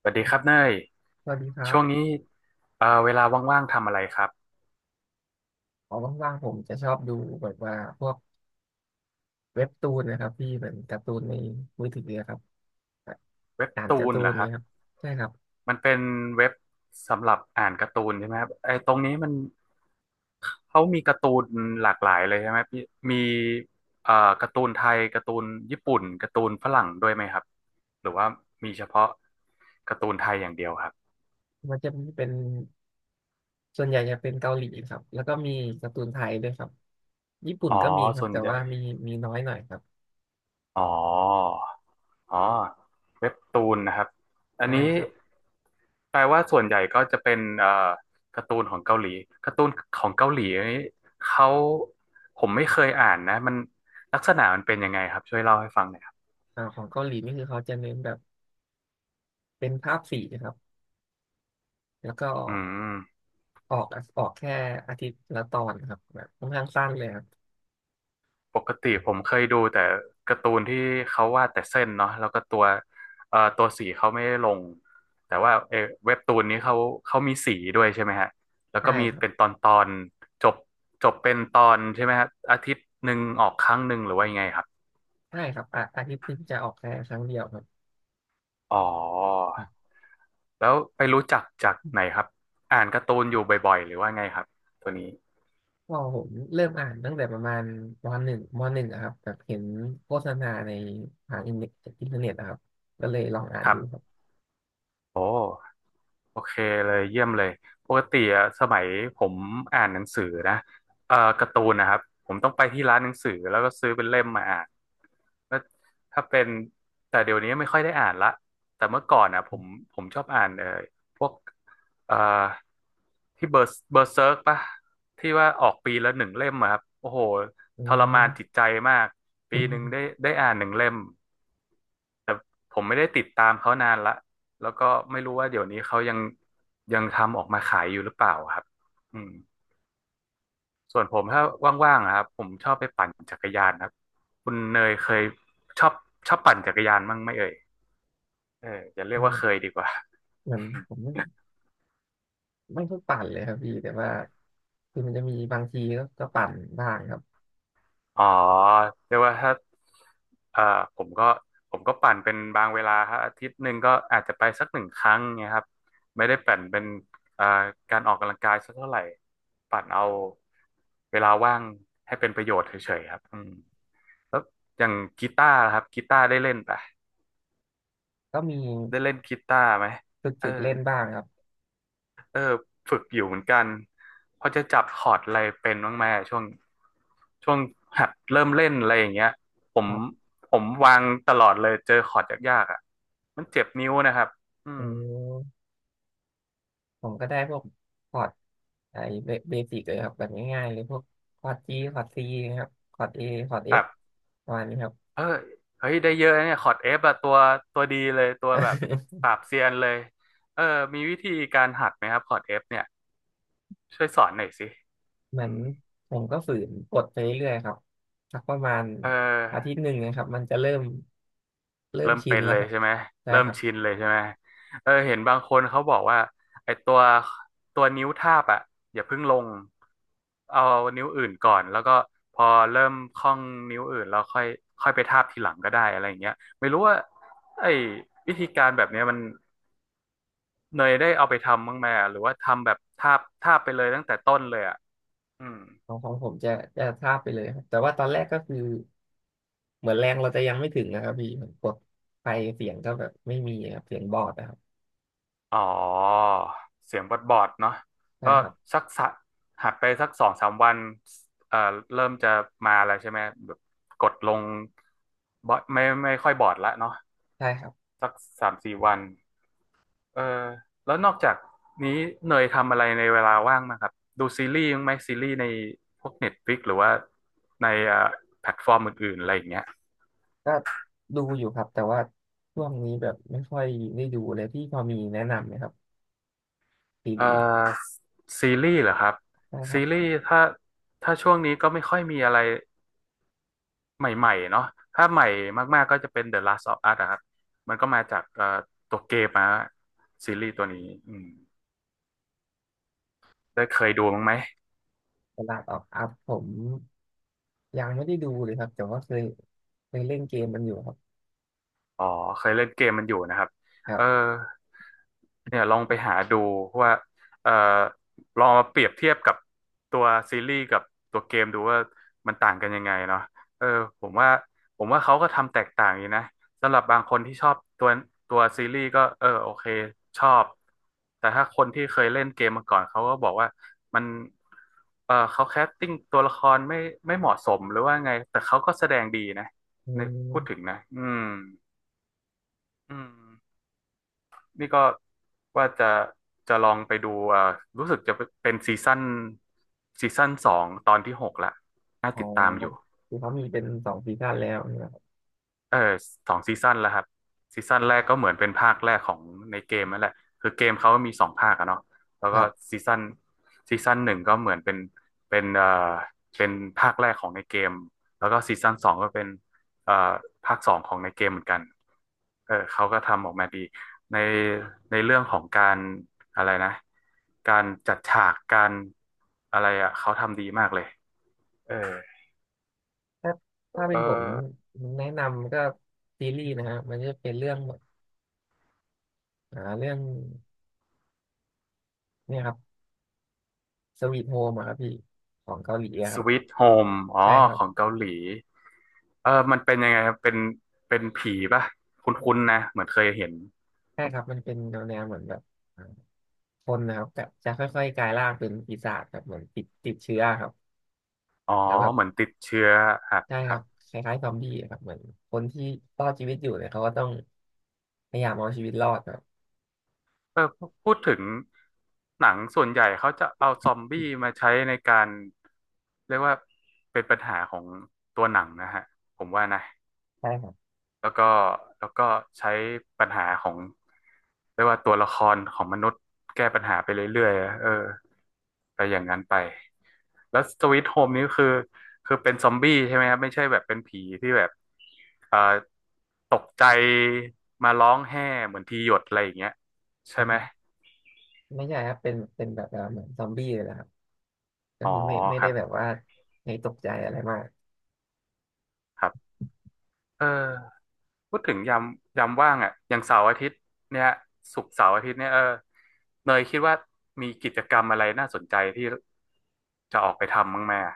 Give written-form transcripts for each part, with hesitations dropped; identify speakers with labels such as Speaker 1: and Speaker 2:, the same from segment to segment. Speaker 1: สวัสดีครับเนย
Speaker 2: สวัสดีครั
Speaker 1: ช่
Speaker 2: บ
Speaker 1: วงนี้เวลาว่างๆทำอะไรครับ
Speaker 2: พอว่างๆผมจะชอบดูแบบว่าพวกเว็บตูนนะครับที่เหมือนการ์ตูนในมือถือนะครับ
Speaker 1: เว็บ
Speaker 2: อ่าน
Speaker 1: ตู
Speaker 2: การ์
Speaker 1: น
Speaker 2: ตู
Speaker 1: เหร
Speaker 2: น
Speaker 1: อค
Speaker 2: เนี่
Speaker 1: รับ
Speaker 2: ครับใช่ครับ
Speaker 1: มันเป็นเว็บสำหรับอ่านการ์ตูนใช่ไหมครับไอ้ตรงนี้มันเขามีการ์ตูนหลากหลายเลยใช่ไหมพี่มีเอ่อการ์ตูนไทยการ์ตูนญี่ปุ่นการ์ตูนฝรั่งด้วยไหมครับหรือว่ามีเฉพาะการ์ตูนไทยอย่างเดียวครับ
Speaker 2: มันจะมีเป็นส่วนใหญ่จะเป็นเกาหลีครับแล้วก็มีการ์ตูนไทยด้วยครับญี่ปุ่น
Speaker 1: อ๋อ
Speaker 2: ก็มีครับ
Speaker 1: ส่วน
Speaker 2: แต่
Speaker 1: ใหญ่
Speaker 2: ว่ามีน้อยหน่อยครับ
Speaker 1: อ๋อ อ๋อเว็บตูนนะครับอัน
Speaker 2: ได้
Speaker 1: นี้
Speaker 2: ครับ
Speaker 1: แปลว่าส่วนใหญ่ก็จะเป็นการ์ตูนของเกาหลีการ์ตูนของเกาหลีอันนี้เขาผมไม่เคยอ่านนะมันลักษณะมันเป็นยังไงครับช่วยเล่าให้ฟังหน่อยครับ
Speaker 2: ของเกาหลีนี่คือเขาจะเน้นแบบเป็นภาพสีนะครับแล้วก็
Speaker 1: อืม
Speaker 2: ออกออกแค่อาทิตย์ละตอนครับแบบค่อนข้างสั้นเลยครับ
Speaker 1: ปกติผมเคยดูแต่การ์ตูนที่เขาวาดแต่เส้นเนาะแล้วก็ตัวสีเขาไม่ได้ลงแต่ว่าเว็บตูนนี้เขามีสีด้วยใช่ไหมฮะแล้ว
Speaker 2: ใช่
Speaker 1: ก็มี
Speaker 2: ครับ
Speaker 1: เป็นตอนตอนจบจบเป็นตอนใช่ไหมฮะอาทิตย์หนึ่งออกครั้งหนึ่งหรือว่ายังไงครับ
Speaker 2: ใช่ครับอ่ะอาทิตย์หนึงจะออกแค่ครั้งเดียวครับ
Speaker 1: อ๋อแล้วไปรู้จักจากไหนครับอ่านการ์ตูนอยู่บ่อยๆหรือว่าไงครับตัวนี้
Speaker 2: พอผมเริ่มอ่านตั้งแต่ประมาณมหนึ่งอะครับแบบเห็นโฆษณาในผ่านอินเทอร์เน็ตอินเทอร์เน็ตอะครับก็เลยลองอ่าน
Speaker 1: ครั
Speaker 2: ดูครั
Speaker 1: บ
Speaker 2: บ
Speaker 1: โอ้โอเคเลยเยี่ยมเลยปกติอะสมัยผมอ่านหนังสือนะการ์ตูนนะครับผมต้องไปที่ร้านหนังสือแล้วก็ซื้อเป็นเล่มมาอ่านแล้วถ้าเป็นแต่เดี๋ยวนี้ไม่ค่อยได้อ่านละแต่เมื่อก่อนอ่ะผมชอบอ่านพวกเอ่อที่เบอร์เซิร์กปะที่ว่าออกปีละหนึ่งเล่มอะครับโอ้โห
Speaker 2: อื
Speaker 1: ทรมา
Speaker 2: ม
Speaker 1: นจิตใจมากปีหนึ่งได้ ได้อ่านหนึ่งเล่ม แต่ผมไม่ได้ติดตามเขานานละแล้วก็ไม่รู้ว่าเดี๋ยวนี้เขายังทำออกมาขายอยู่หรือเปล่าครับอืมส่วนผมถ้าว่างๆอะครับผมชอบไปปั่นจักรยานครับคุณเนยเคยชอบชอบปั่นจักรยานบ้างไหมเอ่ยเอออย่าเรียกว่าเคยดีกว่า
Speaker 2: เหมือนผมไม่ค่อยปั่นเลยครับพี่แต่ว่าคือมันจะมีบางทีก็ปั่นบ้างครับ
Speaker 1: อ๋อเรียกว่าถ้าเอ่อผมก็ผมก็ปั่นเป็นบางเวลาครับอาทิตย์หนึ่งก็อาจจะไปสักหนึ่งครั้งเงี้ยครับไม่ได้ปั่นเป็นเอ่อการออกกำลังกายสักเท่าไหร่ปั่นเอาเวลาว่างให้เป็นประโยชน์เฉยๆครับอืมแล้วอย่างกีตาร์ล่ะครับกีตาร์ได้เล่นปะ
Speaker 2: ก็มี
Speaker 1: ได้เล่นกีตาร์ไหม
Speaker 2: ฝึก
Speaker 1: เอ
Speaker 2: ฝึ
Speaker 1: อ
Speaker 2: กเล่นบ้างครับ
Speaker 1: เออฝึกอยู่เหมือนกันพอจะจับคอร์ดอะไรเป็นบ้างไหมช่วงหัดเริ่มเล่นอะไรอย่างเงี้ยผม
Speaker 2: ครับ
Speaker 1: ผมวางตลอดเลยเจอคอร์ดยากๆอ่ะมันเจ็บนิ้วนะครับ อื
Speaker 2: อื
Speaker 1: ม
Speaker 2: มผมก็ได้พวกคอร์ดไอ้เบสิกเลยครับแบบง่ายๆเลยพวกคอร์ดจีคอร์ดซีครับคอร์ดเอ
Speaker 1: แบบ
Speaker 2: ประมาณนี้ครับ
Speaker 1: เออเฮ้ย ได้เยอะนะเนี่ยคอร์ดเอฟอะตัวดีเลยตัวแบบ ปราบเซียนเลย เออมีวิธีการหัดไหมครับคอร์ดเอฟเนี่ยช่วยสอนหน่อยสิ
Speaker 2: เหมื
Speaker 1: อื
Speaker 2: อน
Speaker 1: ม
Speaker 2: ผมก็ฝืนกดไปเรื่อยๆครับสักประมาณ
Speaker 1: เออ
Speaker 2: อาทิตย์หนึ่งนะครับมันจะเริ่ม
Speaker 1: เริ่ม
Speaker 2: ชิ
Speaker 1: เป็
Speaker 2: น
Speaker 1: น
Speaker 2: แล้ว
Speaker 1: เล
Speaker 2: ค
Speaker 1: ย
Speaker 2: รับ
Speaker 1: ใช่ไหม
Speaker 2: ใช่
Speaker 1: เริ่
Speaker 2: ค
Speaker 1: ม
Speaker 2: รับ
Speaker 1: ชินเลยใช่ไหมเออเห็นบางคนเขาบอกว่าไอ้ตัวนิ้วทาบอ่ะอย่าเพิ่งลงเอานิ้วอื่นก่อนแล้วก็พอเริ่มคล่องนิ้วอื่นแล้วค่อยค่อยไปทาบทีหลังก็ได้อะไรอย่างเงี้ยไม่รู้ว่าไอ้วิธีการแบบเนี้ยมันเนยได้เอาไปทำบ้างไหมอะหรือว่าทำแบบทาบทาบไปเลยตั้งแต่ต้นเลยอ่ะอืม
Speaker 2: ของผมจะทราบไปเลยครับแต่ว่าตอนแรกก็คือเหมือนแรงเราจะยังไม่ถึงนะครับพี่เหมือนกดไปเสียงก็แบบไม่มีครับเสียงบอดนะครับ
Speaker 1: อ๋อเสียงบอดบอดเนาะ
Speaker 2: ใช่
Speaker 1: ก็
Speaker 2: ครับ
Speaker 1: สักสะหัดไปสักสองสามวันเอ่อเริ่มจะมาแล้วใช่ไหมแบบกดลงบอดไม่ค่อยบอดละเนาะ
Speaker 2: ใช่ครับ
Speaker 1: สักสามสี่วันเออแล้วนอกจากนี้เนยทำอะไรในเวลาว่างบ้างครับดูซีรีส์บ้างไหมซีรีส์ในพวก Netflix หรือว่าในแพลตฟอร์มอื่นๆอะไรอย่างเงี้ย
Speaker 2: ก็ดูอยู่ครับแต่ว่าช่วงนี้แบบไม่ค่อยได้ดูเลยพี่พอมีแนะนำไหมครับซี
Speaker 1: เอ่อ
Speaker 2: รีส์
Speaker 1: ซีรีส์เหรอครับ
Speaker 2: ใช่ครั
Speaker 1: ซี
Speaker 2: บ
Speaker 1: รีส์ถ้าช่วงนี้ก็ไม่ค่อยมีอะไร ใหม่ๆเนาะถ้าใหม่มากๆก็จะเป็น The Last of Us อะครับ มันก็มาจากตัวเกมมาซีรีส์ตัวนี้อืมได้เคยดูมั้างไหม
Speaker 2: ตลาดออกอัพผมยังไม่ได้ดูเลยครับแต่ว่าเคยเล่นเกมมันอยู่ครับ
Speaker 1: อ๋อเคยเล่นเกมมันอยู่นะครับ
Speaker 2: ครั
Speaker 1: เออ
Speaker 2: บ
Speaker 1: เนี่ยลองไปหาดูว่าเออลองมาเปรียบเทียบกับตัวซีรีส์กับตัวเกมดูว่ามันต่างกันยังไงเนาะเออผมว่าผมว่าเขาก็ทำแตกต่างอยู่นะสำหรับบางคนที่ชอบตัวซีรีส์ก็เออโอเคชอบแต่ถ้าคนที่เคยเล่นเกมมาก่อนเขาก็บอกว่ามันเขาแคสติ้งตัวละครไม่เหมาะสมหรือว่าไงแต่เขาก็แสดงดีนะ
Speaker 2: อื
Speaker 1: ในพูดถึง
Speaker 2: ม
Speaker 1: นะอืมนี่ก็ว่าจะลองไปดูอ่ารู้สึกจะเป็นซีซั่นสองตอนที่หกละน่า
Speaker 2: อ๋อ
Speaker 1: ติดตามอยู่
Speaker 2: คือเขามีเป็นสองซีซั่นแล้วนี่ครับ
Speaker 1: เออสองซีซั่นแล้วครับซีซั่นแรกก็เหมือนเป็นภาคแรกของในเกมนั่นแหละคือเกมเขามีสองภาคอะเนาะแล้ว
Speaker 2: ค
Speaker 1: ก็
Speaker 2: รับ
Speaker 1: ซีซั่นหนึ่งก็เหมือนเป็นเป็นเอ่อเป็นภาคแรกของในเกมแล้วก็ซีซั่นสองก็เป็นเอ่อภาคสองของในเกมเหมือนกันเออเขาก็ทำออกมาดีในเรื่องของการอะไรนะการจัดฉากการอะไรอะเขาทำดีมากเลยเออ
Speaker 2: ถ้าถ้า
Speaker 1: เอ
Speaker 2: เป็น
Speaker 1: อ
Speaker 2: ผมแนะนำก็ซีรีส์นะฮะมันจะเป็นเรื่องเรื่องเนี่ยครับสวีทโฮมครับพี่ของเกาหลีอะ
Speaker 1: ส
Speaker 2: ครับ
Speaker 1: ว t h โฮมอ๋อ
Speaker 2: ใช่ครั
Speaker 1: ข
Speaker 2: บ
Speaker 1: องเกาหลีเออมันเป็นยังไงครับเป็นเป็นผีป่ะคุ้นๆนะเหมือนเคยเห็น
Speaker 2: ใช่ครับมันเป็นแนวเหมือนแบบอ่าคนนะครับแบบจะค่อยๆกลายร่างเป็นปีศาจแบบเหมือนติดเชื้อครับ
Speaker 1: อ๋อ
Speaker 2: แล้วแบบ
Speaker 1: เหมือนติดเชื้อครับ
Speaker 2: ได้
Speaker 1: ค
Speaker 2: ค
Speaker 1: รั
Speaker 2: รั
Speaker 1: บ
Speaker 2: บคล้ายๆซอมบี้อะครับเหมือนคนที่รอดชีวิตอยู่เนี่ยเขาก็ต้องพยายามเอาชีวิตรอดครับ
Speaker 1: เออพูดถึงหนังส่วนใหญ่เขาจะเอาซอมบี้มาใช้ในการเรียกว่าเป็นปัญหาของตัวหนังนะฮะผมว่านะ
Speaker 2: ใช่ครับ
Speaker 1: แล้วก็แล้วก็ใช้ปัญหาของเรียกว่าตัวละครของมนุษย์แก้ปัญหาไปเรื่อยๆเออไปอย่างนั้นไปแล้วสวีทโฮมนี้คือคือเป็นซอมบี้ใช่ไหมครับไม่ใช่แบบเป็นผีที่แบบเอ่อตกใจมาร้องแห่เหมือนทีหยดอะไรอย่างเงี้ยใช่
Speaker 2: ผ
Speaker 1: ไหม
Speaker 2: มไม่ใช่ครับเป็นแบบว่าเหมือนซอมบี้เลยนะครับก็
Speaker 1: อ๋อ
Speaker 2: คือไม่
Speaker 1: ค
Speaker 2: ได้
Speaker 1: รับ
Speaker 2: แบบว่าให้ตกใจอะไรมาก
Speaker 1: ครับเออ พูดถึงยามยามว่างอ่ะอย่างเสาร์อาทิตย์เนี่ยศุกร์เสาร์อาทิตย์เนี่ยเออเนยคิดว่ามีกิจกรรมอะไรน่าสนใจที่จะออกไปทำบ้างไหมอะ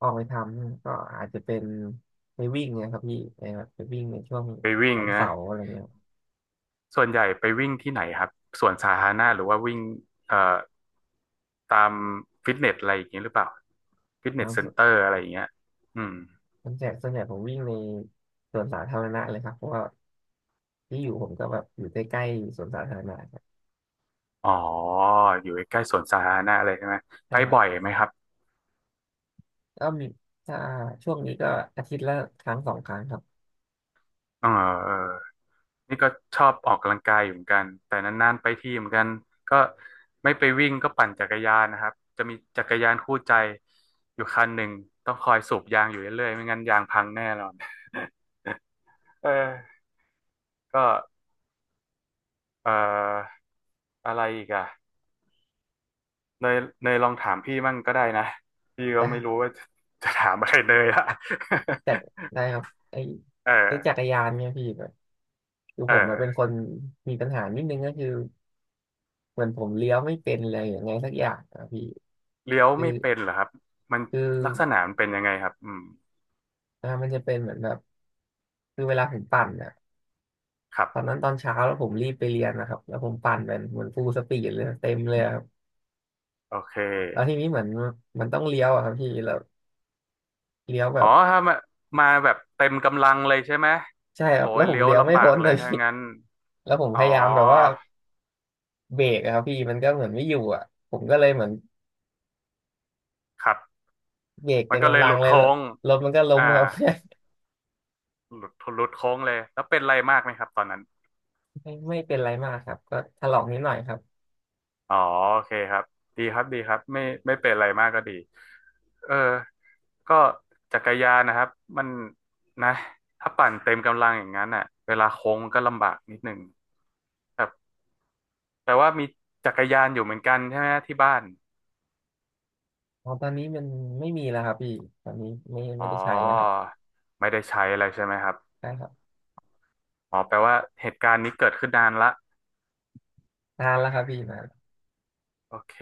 Speaker 2: ออกไปทำก็อาจจะเป็นไปวิ่งเนี่ยครับพี่ไปแบบไปวิ่งในช่วง
Speaker 1: ไปวิ่ง
Speaker 2: วัน
Speaker 1: นะ
Speaker 2: เสาร์อะไรเงี้ย
Speaker 1: ส่วนใหญ่ไปวิ่งที่ไหนครับสวนสาธารณะหรือว่าวิ่งเอ่อตามฟิตเนสอะไรอย่างเงี้ยหรือเปล่าฟิต
Speaker 2: ค
Speaker 1: เนสเซ็น
Speaker 2: รั
Speaker 1: เตอ
Speaker 2: บ
Speaker 1: ร์อะไรอย่างเงี้ยอืม
Speaker 2: ส่วนใหญ่ผมวิ่งในสวนสาธารณะเลยครับเพราะว่าที่อยู่ผมก็แบบอยู่ใกล้ๆสวนสาธารณะครับ
Speaker 1: อ๋ออยู่ใกล้ๆสวนสาธารณะอะไรใช่ไหม
Speaker 2: ใช่
Speaker 1: ไป
Speaker 2: ครับ
Speaker 1: บ่อยไหมครับ
Speaker 2: ก็มีถ้าช่วงนี้ก็อาทิตย์ละครั้งสองครั้งครับ
Speaker 1: เออเออ นี่ก็ชอบออกกำลังกายอยู่เหมือนกันแต่นานๆไปทีเหมือนกันก็ไม่ไปวิ่งก็ปั่นจักรยานนะครับจะมีจักรยานคู่ใจอยู่คันหนึ่งต้องคอยสูบยางอยู่เรื่อยๆไม่งั้นยางพังแน่นอน เออก็เอ่ออะไรอีกอ่ะเนยเนยลองถามพี่มั่งก็ได้นะพี่ก็
Speaker 2: ได้
Speaker 1: ไม่รู้ว่า จะจะถามอะไรเนยละ
Speaker 2: จัดได้ครับไอ้
Speaker 1: เอ
Speaker 2: ไอ้จัก
Speaker 1: อ
Speaker 2: รยานเนี่ยพี่แบบคือ
Speaker 1: เอ
Speaker 2: ผมอะเป็น
Speaker 1: อ
Speaker 2: คนมีปัญหานิดนึงก็คือเหมือนผมเลี้ยวไม่เป็นเลยอย่างไงสักอย่างอะพี่
Speaker 1: เลี้ยว
Speaker 2: คือ
Speaker 1: ไม่เป็นเหรอครับมัน
Speaker 2: คือ
Speaker 1: ลักษณะมันเป็นยังไงครับอืม
Speaker 2: มันจะเป็นเหมือนแบบคือเวลาผมปั่นอะ
Speaker 1: ครั
Speaker 2: ตอน
Speaker 1: บ
Speaker 2: นั้นตอนเช้าแล้วผมรีบไปเรียนนะครับแล้วผมปั่นเป็นเหมือนฟูลสปีดเลยเต็มเลยครับ
Speaker 1: โอเค
Speaker 2: แล้วทีนี้เหมือนมันต้องเลี้ยวอะครับพี่แล้วเลี้ยวแบ
Speaker 1: อ๋อ
Speaker 2: บ
Speaker 1: ถ้ามามาแบบเต็มกำลังเลยใช่ไหม
Speaker 2: ใช่ค
Speaker 1: โอ้
Speaker 2: รับแล้
Speaker 1: ย
Speaker 2: วผม
Speaker 1: เลี้ยว
Speaker 2: เลี้ยวไม่
Speaker 1: ลำบา
Speaker 2: พ้
Speaker 1: ก
Speaker 2: น
Speaker 1: เล
Speaker 2: เล
Speaker 1: ย
Speaker 2: ย
Speaker 1: ถ้า
Speaker 2: พี่
Speaker 1: งั้น
Speaker 2: แล้วผม
Speaker 1: อ๋
Speaker 2: พ
Speaker 1: อ
Speaker 2: ยายามแบบว่า เบรกอะครับพี่มันก็เหมือนไม่อยู่อ่ะผมก็เลยเหมือน
Speaker 1: ครับ
Speaker 2: เบรก
Speaker 1: มั
Speaker 2: เต็
Speaker 1: น
Speaker 2: ม
Speaker 1: ก็เล
Speaker 2: กำ
Speaker 1: ย
Speaker 2: ลั
Speaker 1: ห
Speaker 2: ง
Speaker 1: ลุด
Speaker 2: เลย
Speaker 1: โค้
Speaker 2: แล้ว
Speaker 1: ง
Speaker 2: รถมันก็ล้ม
Speaker 1: อ่า
Speaker 2: ครับ
Speaker 1: หลุดโค้งเลย แล้วเป็นอะไรมากไหมครับตอนนั้น
Speaker 2: ไม่เป็นไรมากครับก็ถลอกนิดหน่อยครับ
Speaker 1: อ๋อโอเคครับดีครับดีครับไม่ไม่เป็นอะไรมากก็ดีเออก็จักรยานนะครับมันนะถ้าปั่นเต็มกำลังอย่างนั้นอ่ะเวลาโค้งมันก็ลำบากนิดหนึ่งครับแต่ว่ามีจักรยานอยู่เหมือนกันใช่ไหมที่บ้าน
Speaker 2: อ๋อตอนนี้มันไม่มีแล้วครับพี่ตอนนี้ไม่
Speaker 1: อ๋
Speaker 2: ไม่
Speaker 1: อ
Speaker 2: ได้ใช้แล้วครับ
Speaker 1: ไม่ได้ใช้อะไรใช่ไหมครับ
Speaker 2: ได้ครับ
Speaker 1: อ๋อแปลว่าเหตุการณ์นี้เกิดขึ้นนานละ
Speaker 2: นานแล้วครับพี่นาน
Speaker 1: โอเค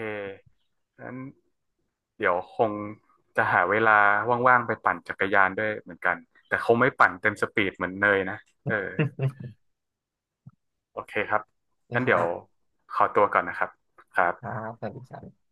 Speaker 1: งั้นเดี๋ยวคงจะหาเวลาว่างๆไปปั่นจักรยานด้วยเหมือนกันแต่คงไม่ปั่นเต็มสปีดเหมือนเนยนะเออโอเคครับ
Speaker 2: นะ
Speaker 1: งั้น
Speaker 2: ค
Speaker 1: เดี๋
Speaker 2: รั
Speaker 1: ยว
Speaker 2: บ
Speaker 1: ขอตัวก่อนนะครับครับ
Speaker 2: ครับสวัสดีครับ